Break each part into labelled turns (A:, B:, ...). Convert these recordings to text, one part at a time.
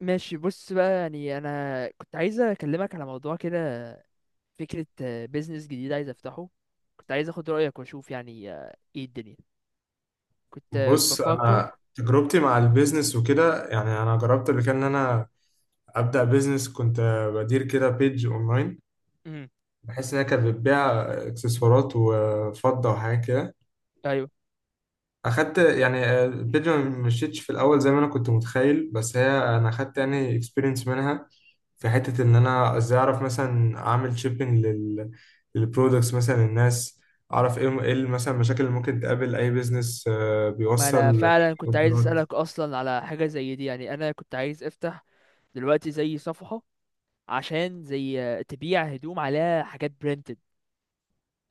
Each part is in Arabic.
A: ماشي، بص بقى، يعني انا كنت عايز اكلمك على موضوع كده. فكرة بيزنس جديد عايز افتحه. كنت عايز اخد رأيك واشوف، يعني ايه الدنيا. كنت
B: بص،
A: بفكر.
B: انا تجربتي مع البيزنس وكده يعني انا جربت قبل كده ان انا ابدا بيزنس. كنت بدير كده بيج اونلاين،
A: امم
B: بحيث انها كانت بتبيع اكسسوارات وفضه وحاجات كده.
A: ايوه.
B: اخدت يعني البيج، ما مشيتش في الاول زي ما انا كنت متخيل، بس هي انا اخدت يعني اكسبيرينس منها في حته ان انا ازاي اعرف مثلا اعمل شيبنج للبرودكتس مثلا للناس، اعرف ايه مثلا المشاكل اللي ممكن تقابل اي بيزنس
A: ما انا
B: بيوصل
A: فعلا كنت عايز
B: اوردرات.
A: اسألك اصلا على حاجة زي دي، يعني انا كنت عايز افتح دلوقتي زي صفحة، عشان زي تبيع هدوم عليها حاجات برينتد،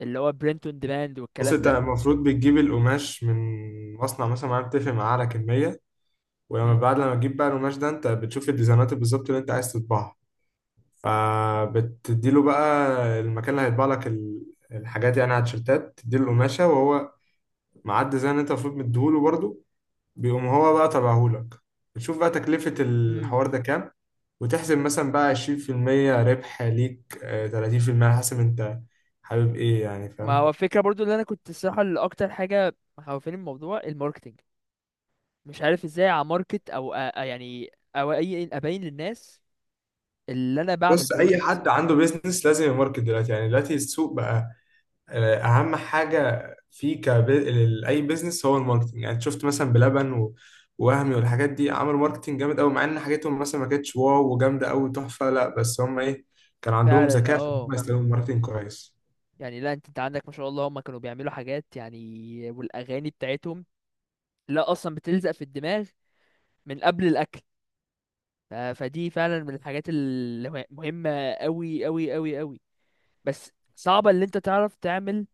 A: اللي هو برينت اون ديماند
B: بص،
A: والكلام
B: انت
A: ده.
B: المفروض بتجيب القماش من مصنع مثلا معين، بتتفق معاه على كمية. ولما
A: مم.
B: بعد لما تجيب بقى القماش ده، انت بتشوف الديزاينات بالظبط اللي انت عايز تطبعها. فبتديله بقى المكان اللي هيطبع لك الحاجات، يعني على التيشيرتات تديله القماشة، وهو مع الديزاين اللي انت المفروض مديهوله برضه بيقوم هو بقى طبعهولك. بتشوف بقى تكلفة الحوار ده
A: امم
B: كام، وتحسب مثلا بقى 20% ربح ليك، 30% على حسب انت حابب ايه، يعني
A: ما
B: فاهم؟
A: هو الفكرة برضو اللي انا كنت، الصراحة، اللي اكتر حاجة مخوفاني من الموضوع الماركتنج. مش عارف ازاي اماركت او يعني او اي ابين للناس اللي انا بعمل
B: بص، اي
A: برودكت.
B: حد عنده بيزنس لازم يماركت دلوقتي. يعني دلوقتي السوق بقى، اهم حاجه في اي بيزنس هو الماركتنج. يعني شفت مثلا بلبن ووهمي والحاجات دي، عملوا ماركتنج جامد قوي، مع ان حاجتهم مثلا ما كانتش واو وجامده قوي تحفه، لا، بس هم ايه، كان عندهم
A: فعلا
B: ذكاء في ان هم
A: اه.
B: يستخدموا الماركتنج كويس.
A: يعني لا، انت عندك ما شاء الله، هم كانوا بيعملوا حاجات يعني، والاغاني بتاعتهم لا اصلا بتلزق في الدماغ من قبل الاكل. فدي فعلا من الحاجات المهمة قوي قوي قوي قوي. بس صعبة اللي انت تعرف تعمل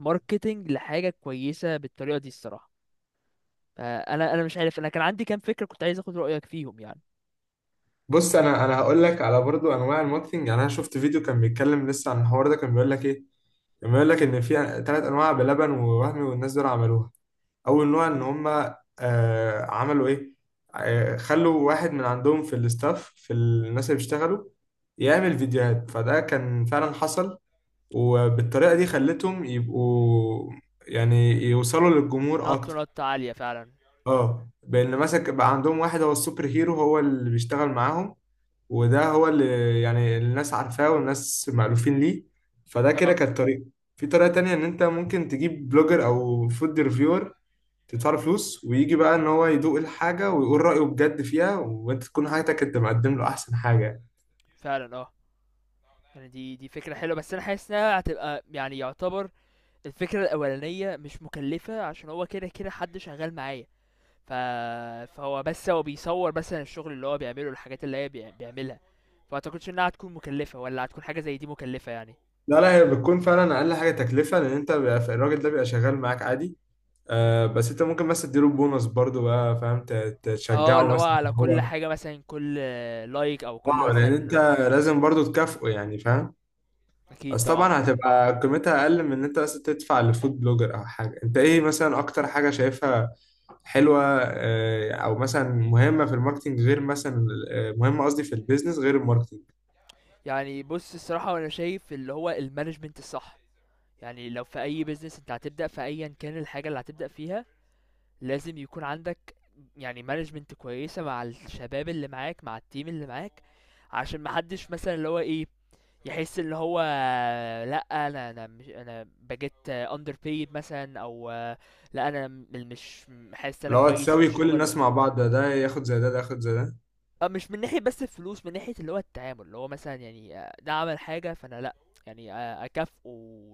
A: ماركتينج لحاجة كويسة بالطريقة دي الصراحة. فانا مش عارف، انا كان عندي كام فكرة كنت عايز اخد رأيك فيهم يعني.
B: بص، انا هقول لك على برضو انواع الماركتنج. يعني انا شفت فيديو كان بيتكلم لسه عن الحوار ده، كان بيقول لك ايه، كان بيقول لك ان في ثلاث انواع. بلبن ووهمي والناس دول عملوها. اول نوع ان
A: امم
B: هم، عملوا ايه، خلوا واحد من عندهم في الاستاف، في الناس اللي بيشتغلوا، يعمل فيديوهات. فده كان فعلا حصل، وبالطريقة دي خلتهم يبقوا يعني يوصلوا للجمهور
A: نط
B: اكتر.
A: نط عالية فعلا.
B: اه، بان
A: مم.
B: مثلا بقى عندهم واحد هو السوبر هيرو، هو اللي بيشتغل معاهم، وده هو اللي يعني الناس عارفاه والناس مألوفين ليه. فده كده
A: آه،
B: كانت طريقة. في طريقة تانية، إن أنت ممكن تجيب بلوجر أو فود ريفيور، تدفع له فلوس، ويجي بقى ان هو يدوق الحاجه ويقول رايه بجد فيها، وانت تكون حاجتك انت مقدم له احسن حاجه.
A: فعلًا يعني دي فكرة حلوة، بس أنا حاسس إنها هتبقى يعني، يعتبر الفكرة الأولانية مش مكلفة، عشان هو كده كده حد شغال معايا، ف فهو بس هو بيصور مثلًا الشغل اللي هو بيعمله، الحاجات اللي هي بيعملها، فما أعتقدش إنها هتكون مكلفة، والّا هتكون حاجة زي دي مكلفة يعني؟
B: لا لا، هي بتكون فعلا اقل حاجه تكلفه، لان انت بيبقى الراجل ده بيبقى شغال معاك عادي.
A: إمم،
B: آه، بس انت ممكن مثلا تديله بونص برضه بقى، فاهم؟ تشجعه
A: اللي هو
B: مثلا
A: على
B: إن
A: كل
B: هو،
A: حاجة مثلًا، كل لايك أو كل
B: اه، لان انت
A: مثلًا. إمم،
B: لازم برضه تكافئه، يعني فاهم؟
A: أكيد
B: بس
A: طبعًا.
B: طبعا هتبقى قيمتها اقل من ان انت بس تدفع لفود بلوجر او حاجه. انت ايه مثلا اكتر حاجه شايفها حلوه، او مثلا مهمه في الماركتنج، غير مثلا، مهمه قصدي في البيزنس غير الماركتنج؟
A: يعني بُص، الصراحة هو أنا شايف اللي هو الmanagement الصح. يعني لو في أي بيزنس أنت هتبدأ، في أيا كان الحاجة اللي هتبدأ فيها، لازم يكون عندك يعني مانجمنت كويسة مع الشباب اللي معاك، مع التيم اللي معاك، عشان محدش مثلا اللي هو ايه يحس اللي هو لا، انا مش انا بجيت اندر بيد مثلا او لا، انا مش حاسس انا
B: لو
A: كويس في
B: هتساوي كل
A: الشغل.
B: الناس مع بعض، ده ده ياخد زي ده، ده ياخد زي ده.
A: مش من ناحية بس الفلوس، من ناحية اللي هو التعامل، اللي هو مثلا يعني ده عمل حاجة فأنا لأ، يعني أكافئه،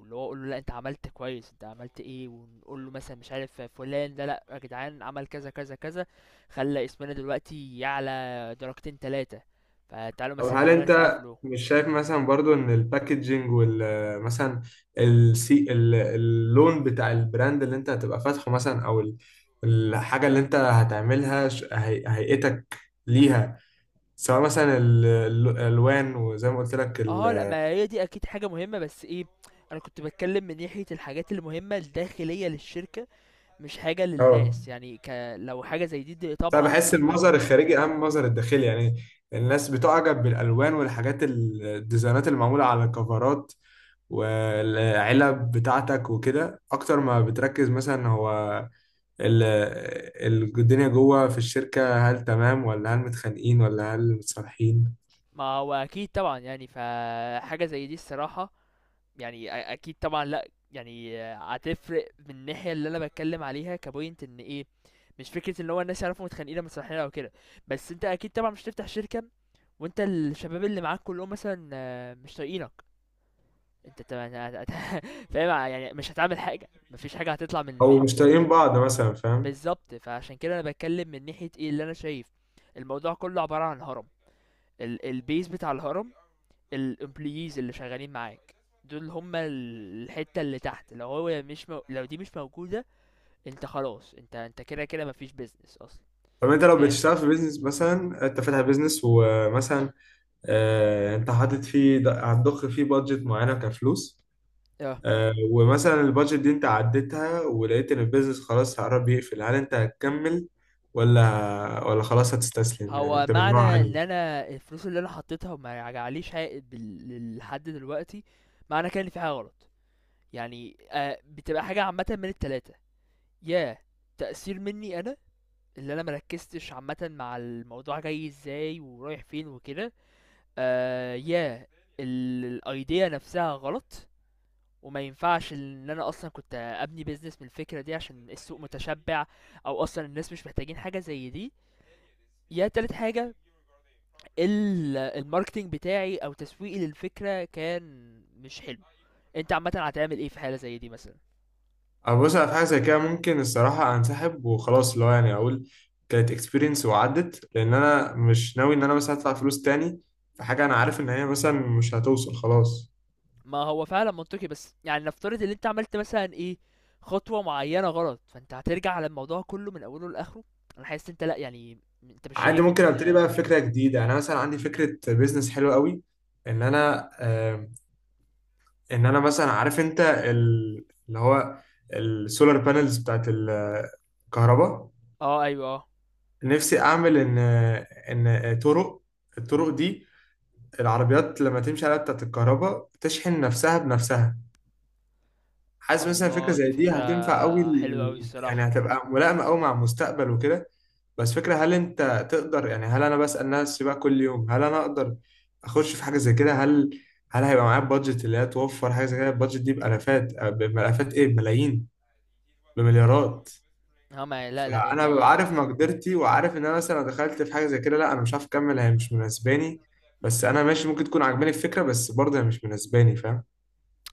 A: اللي هو أقول له لأ أنت عملت كويس، أنت عملت إيه، ونقول له مثلا مش عارف فلان ده، لأ يا جدعان عمل كذا كذا كذا، خلى اسمنا دلوقتي يعلى درجتين تلاتة، فتعالوا
B: طب
A: مثلا
B: هل
A: كلنا نسقف
B: انت
A: له.
B: مش شايف مثلا برضو ان الباكجينج وال، مثلا السي، اللون بتاع البراند اللي انت هتبقى فاتحه مثلا، او الحاجه اللي انت هتعملها، هيئتك ليها، سواء مثلا الالوان وزي ما قلت لك
A: اه لأ، ما هي دي أكيد حاجة مهمة، بس إيه، أنا كنت بتكلم من ناحية الحاجات المهمة الداخلية للشركة، مش حاجة
B: اه،
A: للناس يعني لو حاجة زي دي، دي
B: بس انا
A: طبعا
B: بحس
A: أكيد مهمة
B: المظهر
A: جدا
B: الخارجي
A: يعني.
B: اهم من المظهر الداخلي. يعني الناس بتعجب بالالوان والحاجات، الديزاينات اللي معموله على الكفرات والعلب بتاعتك وكده، اكتر ما بتركز مثلا هو الدنيا جوه في الشركه. هل تمام، ولا هل متخانقين، ولا هل متصالحين،
A: ما هو اكيد طبعا، يعني فحاجه زي دي الصراحه، يعني اكيد طبعا لا، يعني هتفرق من الناحيه اللي انا بتكلم عليها كبوينت ان ايه. مش فكره ان هو الناس يعرفوا متخانقين لما صالحين او كده، بس انت اكيد طبعا مش تفتح شركه وانت الشباب اللي معاك كلهم مثلا مش طايقينك، انت طبعا فاهم يعني، مش هتعمل حاجه، مفيش حاجه هتطلع
B: او مش طايقين
A: منك.
B: بعض مثلا، فاهم؟
A: بالظبط، فعشان كده انا بتكلم من ناحيه ايه اللي انا شايف. الموضوع كله عباره عن هرم، البيز بتاع الهرم الامبلويز اللي شغالين معاك، دول هما الحتة اللي تحت، لو دي مش موجودة، انت خلاص، انت كده كده مفيش بيزنس اصلا.
B: طب انت لو
A: فاهم
B: بتشتغل في بيزنس مثلا، انت فاتح بيزنس، ومثلا انت حاطط فيه، هتضخ فيه بادجت معينه كفلوس.
A: اه.
B: ومثلا البادجت دي انت عديتها، ولقيت ان البيزنس خلاص قرب يقفل، هل انت هتكمل ولا خلاص هتستسلم؟ يعني
A: هو
B: انت من
A: معنى
B: نوع انهي؟
A: ان انا الفلوس اللي انا حطيتها وما رجعليش عائد لحد دلوقتي، معنى كده ان في حاجة غلط. يعني آه بتبقى حاجة عامة من التلاتة، يا تأثير مني انا اللي انا مركزتش عامة مع الموضوع، جاي ازاي ورايح فين وكده، يا الايديا نفسها غلط وما ينفعش ان انا اصلا كنت ابني بيزنس من الفكره دي، عشان السوق متشبع او اصلا الناس مش محتاجين حاجه زي دي، يا تالت حاجه الماركتينج بتاعي او تسويقي للفكره كان مش حلو. انت عامه هتعمل ايه في حاله زي دي مثلا؟
B: أنا بص، أنا في حاجه زي كده ممكن الصراحه انسحب وخلاص، اللي هو يعني اقول كانت اكسبيرينس وعدت. لان انا مش ناوي ان انا مثلا ادفع فلوس تاني في حاجه انا عارف ان هي مثلا مش هتوصل خلاص.
A: ما هو فعلا منطقي، بس يعني نفترض ان انت عملت مثلا ايه، خطوه معينه غلط، فانت هترجع على الموضوع كله من اوله لاخره. انا حاسس انت لا، يعني انت مش
B: عادي،
A: شايف
B: ممكن
A: ان
B: ابتدي بقى بفكره جديده. يعني انا مثلا عندي فكره بيزنس حلوه قوي، ان انا ان انا مثلا عارف انت اللي هو السولار بانلز بتاعت الكهرباء.
A: اه ايوه اه.
B: نفسي اعمل ان الطرق دي، العربيات لما تمشي عليها بتاعت الكهرباء بتشحن نفسها بنفسها. حاسس مثلا فكره
A: الله، دي
B: زي دي
A: فكرة
B: هتنفع قوي،
A: حلوة أوي
B: يعني
A: الصراحة.
B: هتبقى ملائمه قوي مع المستقبل وكده. بس فكره، هل انت تقدر يعني؟ هل انا بسال نفسي بقى كل يوم هل انا اقدر اخش في حاجه زي كده. هل هيبقى معايا بادجت اللي هي توفر حاجه زي كده؟ البادجت دي بالافات بالافات، ايه، بملايين، بمليارات.
A: اه ما لا لأ،
B: فانا
A: يعني
B: ببقى عارف مقدرتي، وعارف ان انا مثلا لو دخلت في حاجه زي كده، لا، انا مش عارف اكمل، هي مش مناسباني. بس انا ماشي، ممكن تكون عاجباني الفكره، بس برضه هي مش مناسباني، فاهم؟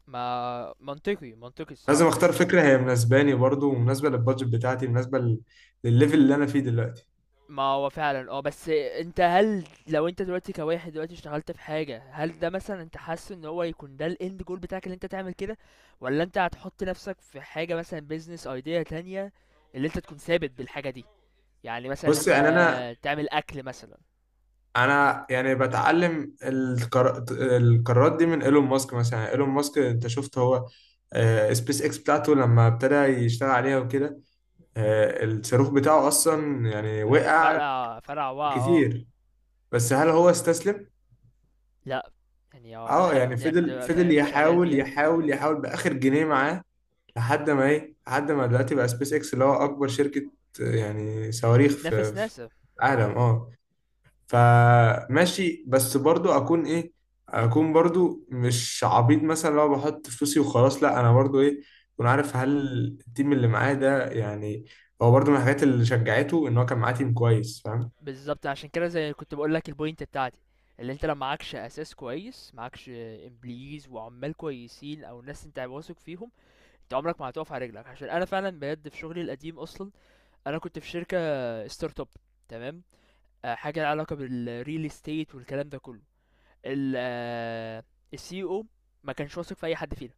A: ما منطقي منطقي
B: لازم
A: الصراحة.
B: اختار
A: بس
B: فكره هي مناسباني برضو، ومناسبه للبادجت بتاعتي، مناسبه للليفل اللي انا فيه دلوقتي.
A: ما هو فعلا اه، بس انت هل لو انت دلوقتي كواحد دلوقتي اشتغلت في حاجة، هل ده مثلا انت حاسس ان هو يكون ده الاند جول بتاعك اللي انت تعمل كده، ولا انت هتحط نفسك في حاجة مثلا بيزنس ايديا تانية اللي انت تكون ثابت بالحاجة دي؟ يعني مثلا اللي
B: بص،
A: انت
B: يعني انا
A: تعمل اكل مثلا.
B: انا يعني بتعلم القرارات دي من ايلون ماسك. مثلا ايلون ماسك انت شفت هو، سبيس اكس بتاعته لما ابتدى يشتغل عليها وكده، الصاروخ بتاعه اصلا يعني وقع
A: فرع وا اه
B: كتير. بس
A: م- م.
B: هل هو استسلم؟
A: لا، يعني اه،
B: اه، يعني
A: الحد يعني
B: فضل
A: ده
B: فضل
A: فاهم شغال
B: يحاول
A: بيها.
B: يحاول يحاول باخر جنيه معاه، لحد ما دلوقتي بقى سبيس اكس اللي هو اكبر شركة يعني صواريخ في
A: بتنافس
B: في
A: ناسا
B: العالم.
A: يعني.
B: اه. فماشي، بس برضو اكون برضو مش عبيط مثلا لو بحط فلوسي وخلاص، لا، انا برضو اكون عارف هل التيم اللي معايا ده يعني، هو برضو من الحاجات اللي شجعته ان هو كان معاه تيم كويس، فاهم؟
A: بالظبط، عشان كده زي كنت بقول لك البوينت بتاعتي، اللي انت لو معكش اساس كويس، معكش امبليز وعمال كويسين او ناس انت واثق فيهم، انت عمرك ما هتقف على رجلك. عشان انا فعلا بجد في شغلي القديم اصلا، انا كنت في شركه ستارت اب، تمام، حاجه لها علاقه بالريل استيت والكلام ده كله. السي او ما كانش واثق في اي حد فينا،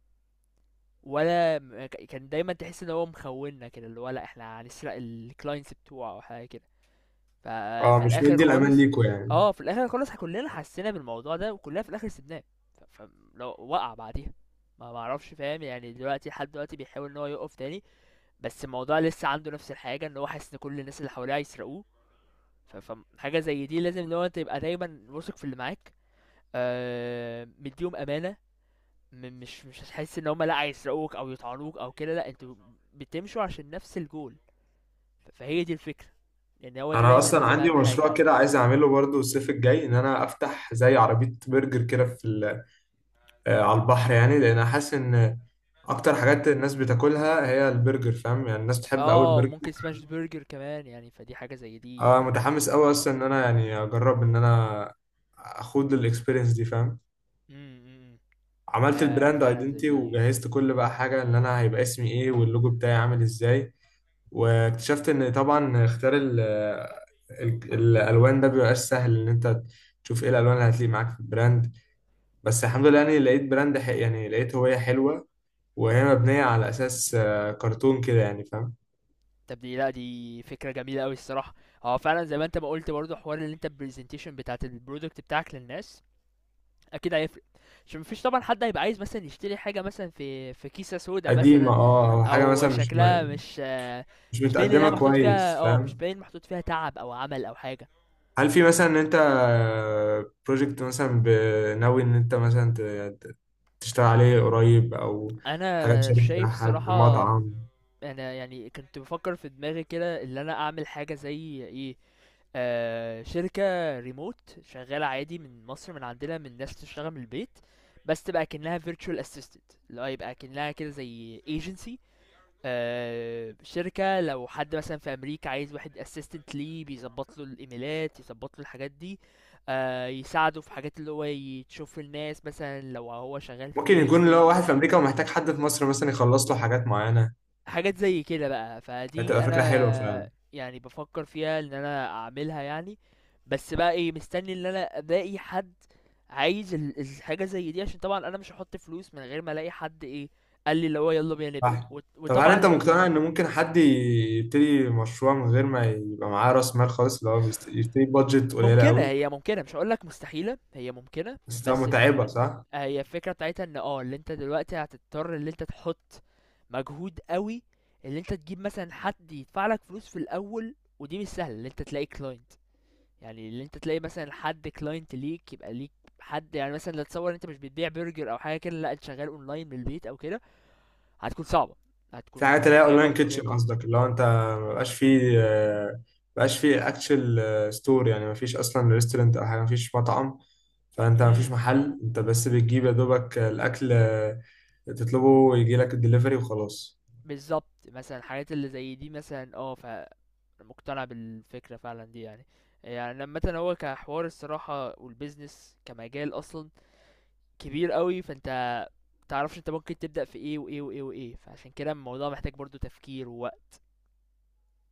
A: ولا كان دايما تحس ان هو مخوننا كده، اللي هو لا احنا هنسرق الكلاينتس بتوعه او حاجه كده.
B: اه،
A: ففي
B: مش
A: الاخر
B: مدي الامان
A: خالص
B: ليكوا، يعني.
A: اه، في الاخر خالص كلنا حسينا بالموضوع ده وكلنا في الاخر سيبناه. فلو وقع بعديها ما معرفش، فاهم يعني، دلوقتي لحد دلوقتي بيحاول ان هو يقف تاني، بس الموضوع لسه عنده نفس الحاجه ان هو حاسس ان كل الناس اللي حواليه هيسرقوه. ف- فحاجه زي دي لازم لو انت تبقى دايما واثق في اللي معاك، مديهم امانه، مش مش هتحس ان هم لا هيسرقوك او يطعنوك او كده، لا انتوا بتمشوا عشان نفس الجول. فهي دي الفكره. يعني هو ده
B: انا
A: دايما
B: اصلا
A: لازم
B: عندي
A: اهم حاجه
B: مشروع
A: يعني.
B: كده عايز اعمله برضو الصيف الجاي، ان انا افتح زي عربية برجر كده في، على البحر. يعني لان أنا حاسس ان اكتر حاجات الناس بتاكلها هي البرجر، فاهم؟ يعني الناس بتحب قوي
A: اه،
B: البرجر.
A: ممكن سماش برجر كمان يعني، فدي حاجة زي دي
B: اه،
A: لا،
B: متحمس
A: تحفة.
B: قوي اصلا ان انا يعني اجرب ان انا اخوض الاكسبيرينس دي، فاهم؟
A: امم
B: عملت البراند
A: فعلا زي
B: ايدنتي،
A: دي.
B: وجهزت كل بقى حاجه. ان انا هيبقى اسمي ايه، واللوجو بتاعي عامل ازاي. واكتشفت ان طبعا اختيار الالوان ده بيبقاش سهل، ان انت تشوف ايه الالوان اللي هتليق معاك في البراند. بس الحمد لله، يعني لقيت براند يعني لقيت هويه حلوه، وهي مبنية على أساس، كرتون كده، يعني فاهم؟
A: طب دي لا، دي فكرة جميلة أوي الصراحة. هو فعلا زي ما انت ما قلت برضه حوار اللي انت البرزنتيشن بتاعت البرودكت بتاعك للناس، اكيد هيفرق. عشان مفيش طبعا حد هيبقى عايز مثلا يشتري حاجة مثلا في كيسة سودا
B: قديمة
A: مثلا،
B: اه، أو حاجة
A: او
B: مثلا مش
A: شكلها
B: م-
A: مش
B: مش
A: مش باين
B: متقدمة
A: انها محطوط فيها
B: كويس،
A: اه، مش
B: فاهم؟
A: باين محطوط فيها تعب او عمل او حاجة.
B: هل في مثلا إن أنت بروجكت مثلا ناوي إن أنت مثلا ت- تشتغل عليه قريب، أو حاجة
A: انا
B: تشارك فيها
A: شايف
B: حد
A: الصراحة،
B: مطعم؟
A: انا يعني كنت بفكر في دماغي كده ان انا اعمل حاجه زي ايه، شركه ريموت شغاله عادي من مصر، من عندنا، من ناس تشتغل من البيت، بس تبقى كأنها virtual assistant، اللي هو يبقى كأنها كده زي agency. شركة لو حد مثلا في أمريكا عايز واحد assistant ليه بيظبط له الإيميلات، يظبط له الحاجات دي، يساعده في حاجات اللي هو يشوف الناس مثلا لو هو شغال
B: ممكن
A: في real
B: يكون اللي هو
A: estate،
B: واحد في أمريكا ومحتاج حد في مصر مثلا يخلص له حاجات معينة.
A: حاجات زي كده بقى، فدي
B: هتبقى فكرة حلوة
A: انا
B: فعلا.
A: يعني بفكر فيها ان انا اعملها يعني. بس بقى ايه، مستني ان انا الاقي حد عايز الحاجه زي دي، عشان طبعا انا مش هحط فلوس من غير ما الاقي حد ايه قال لي اللي هو يلا بينا نبدا،
B: صح. طب هل
A: وطبعا
B: أنت مقتنع
A: ال...
B: إن ممكن حد يبتدي مشروع من غير ما يبقى معاه رأس مال خالص، اللي هو يبتدي بادجت قليلة
A: ممكنه،
B: أوي؟
A: هي ممكنه، مش هقول لك مستحيله، هي ممكنه
B: بس طبعاً
A: بس
B: متعبة، صح؟
A: هي الفكره بتاعتها ان اه اللي انت دلوقتي هتضطر ان انت تحط مجهود قوي، اللي انت تجيب مثلا حد يدفع لك فلوس في الاول ودي مش سهله، اللي انت تلاقي كلاينت، يعني اللي انت تلاقي مثلا حد كلاينت ليك يبقى ليك حد، يعني مثلا لا تصور انت مش بتبيع برجر او حاجه كده، لا انت شغال اونلاين من البيت او كده، هتكون صعبه،
B: في
A: هتكون
B: حاجات اللي هي
A: متعبه
B: اونلاين كيتشن،
A: ومرهقه.
B: قصدك اللي هو انت مبقاش فيه آه، مبقاش فيه اكشن ستور، يعني مفيش اصلا ريستورنت او حاجة، مفيش مطعم، فانت مفيش
A: امم
B: محل، انت بس بتجيب يا دوبك الاكل، تطلبه ويجي لك الدليفري وخلاص.
A: بالظبط، مثلا الحاجات اللي زي دي مثلا اه، فمقتنع بالفكره فعلا دي يعني. يعني لما مثلا هو كحوار الصراحه، والبيزنس كمجال اصلا كبير قوي، فانت متعرفش انت ممكن تبدا في ايه وايه وايه وايه، فعشان كده الموضوع محتاج برضو تفكير ووقت.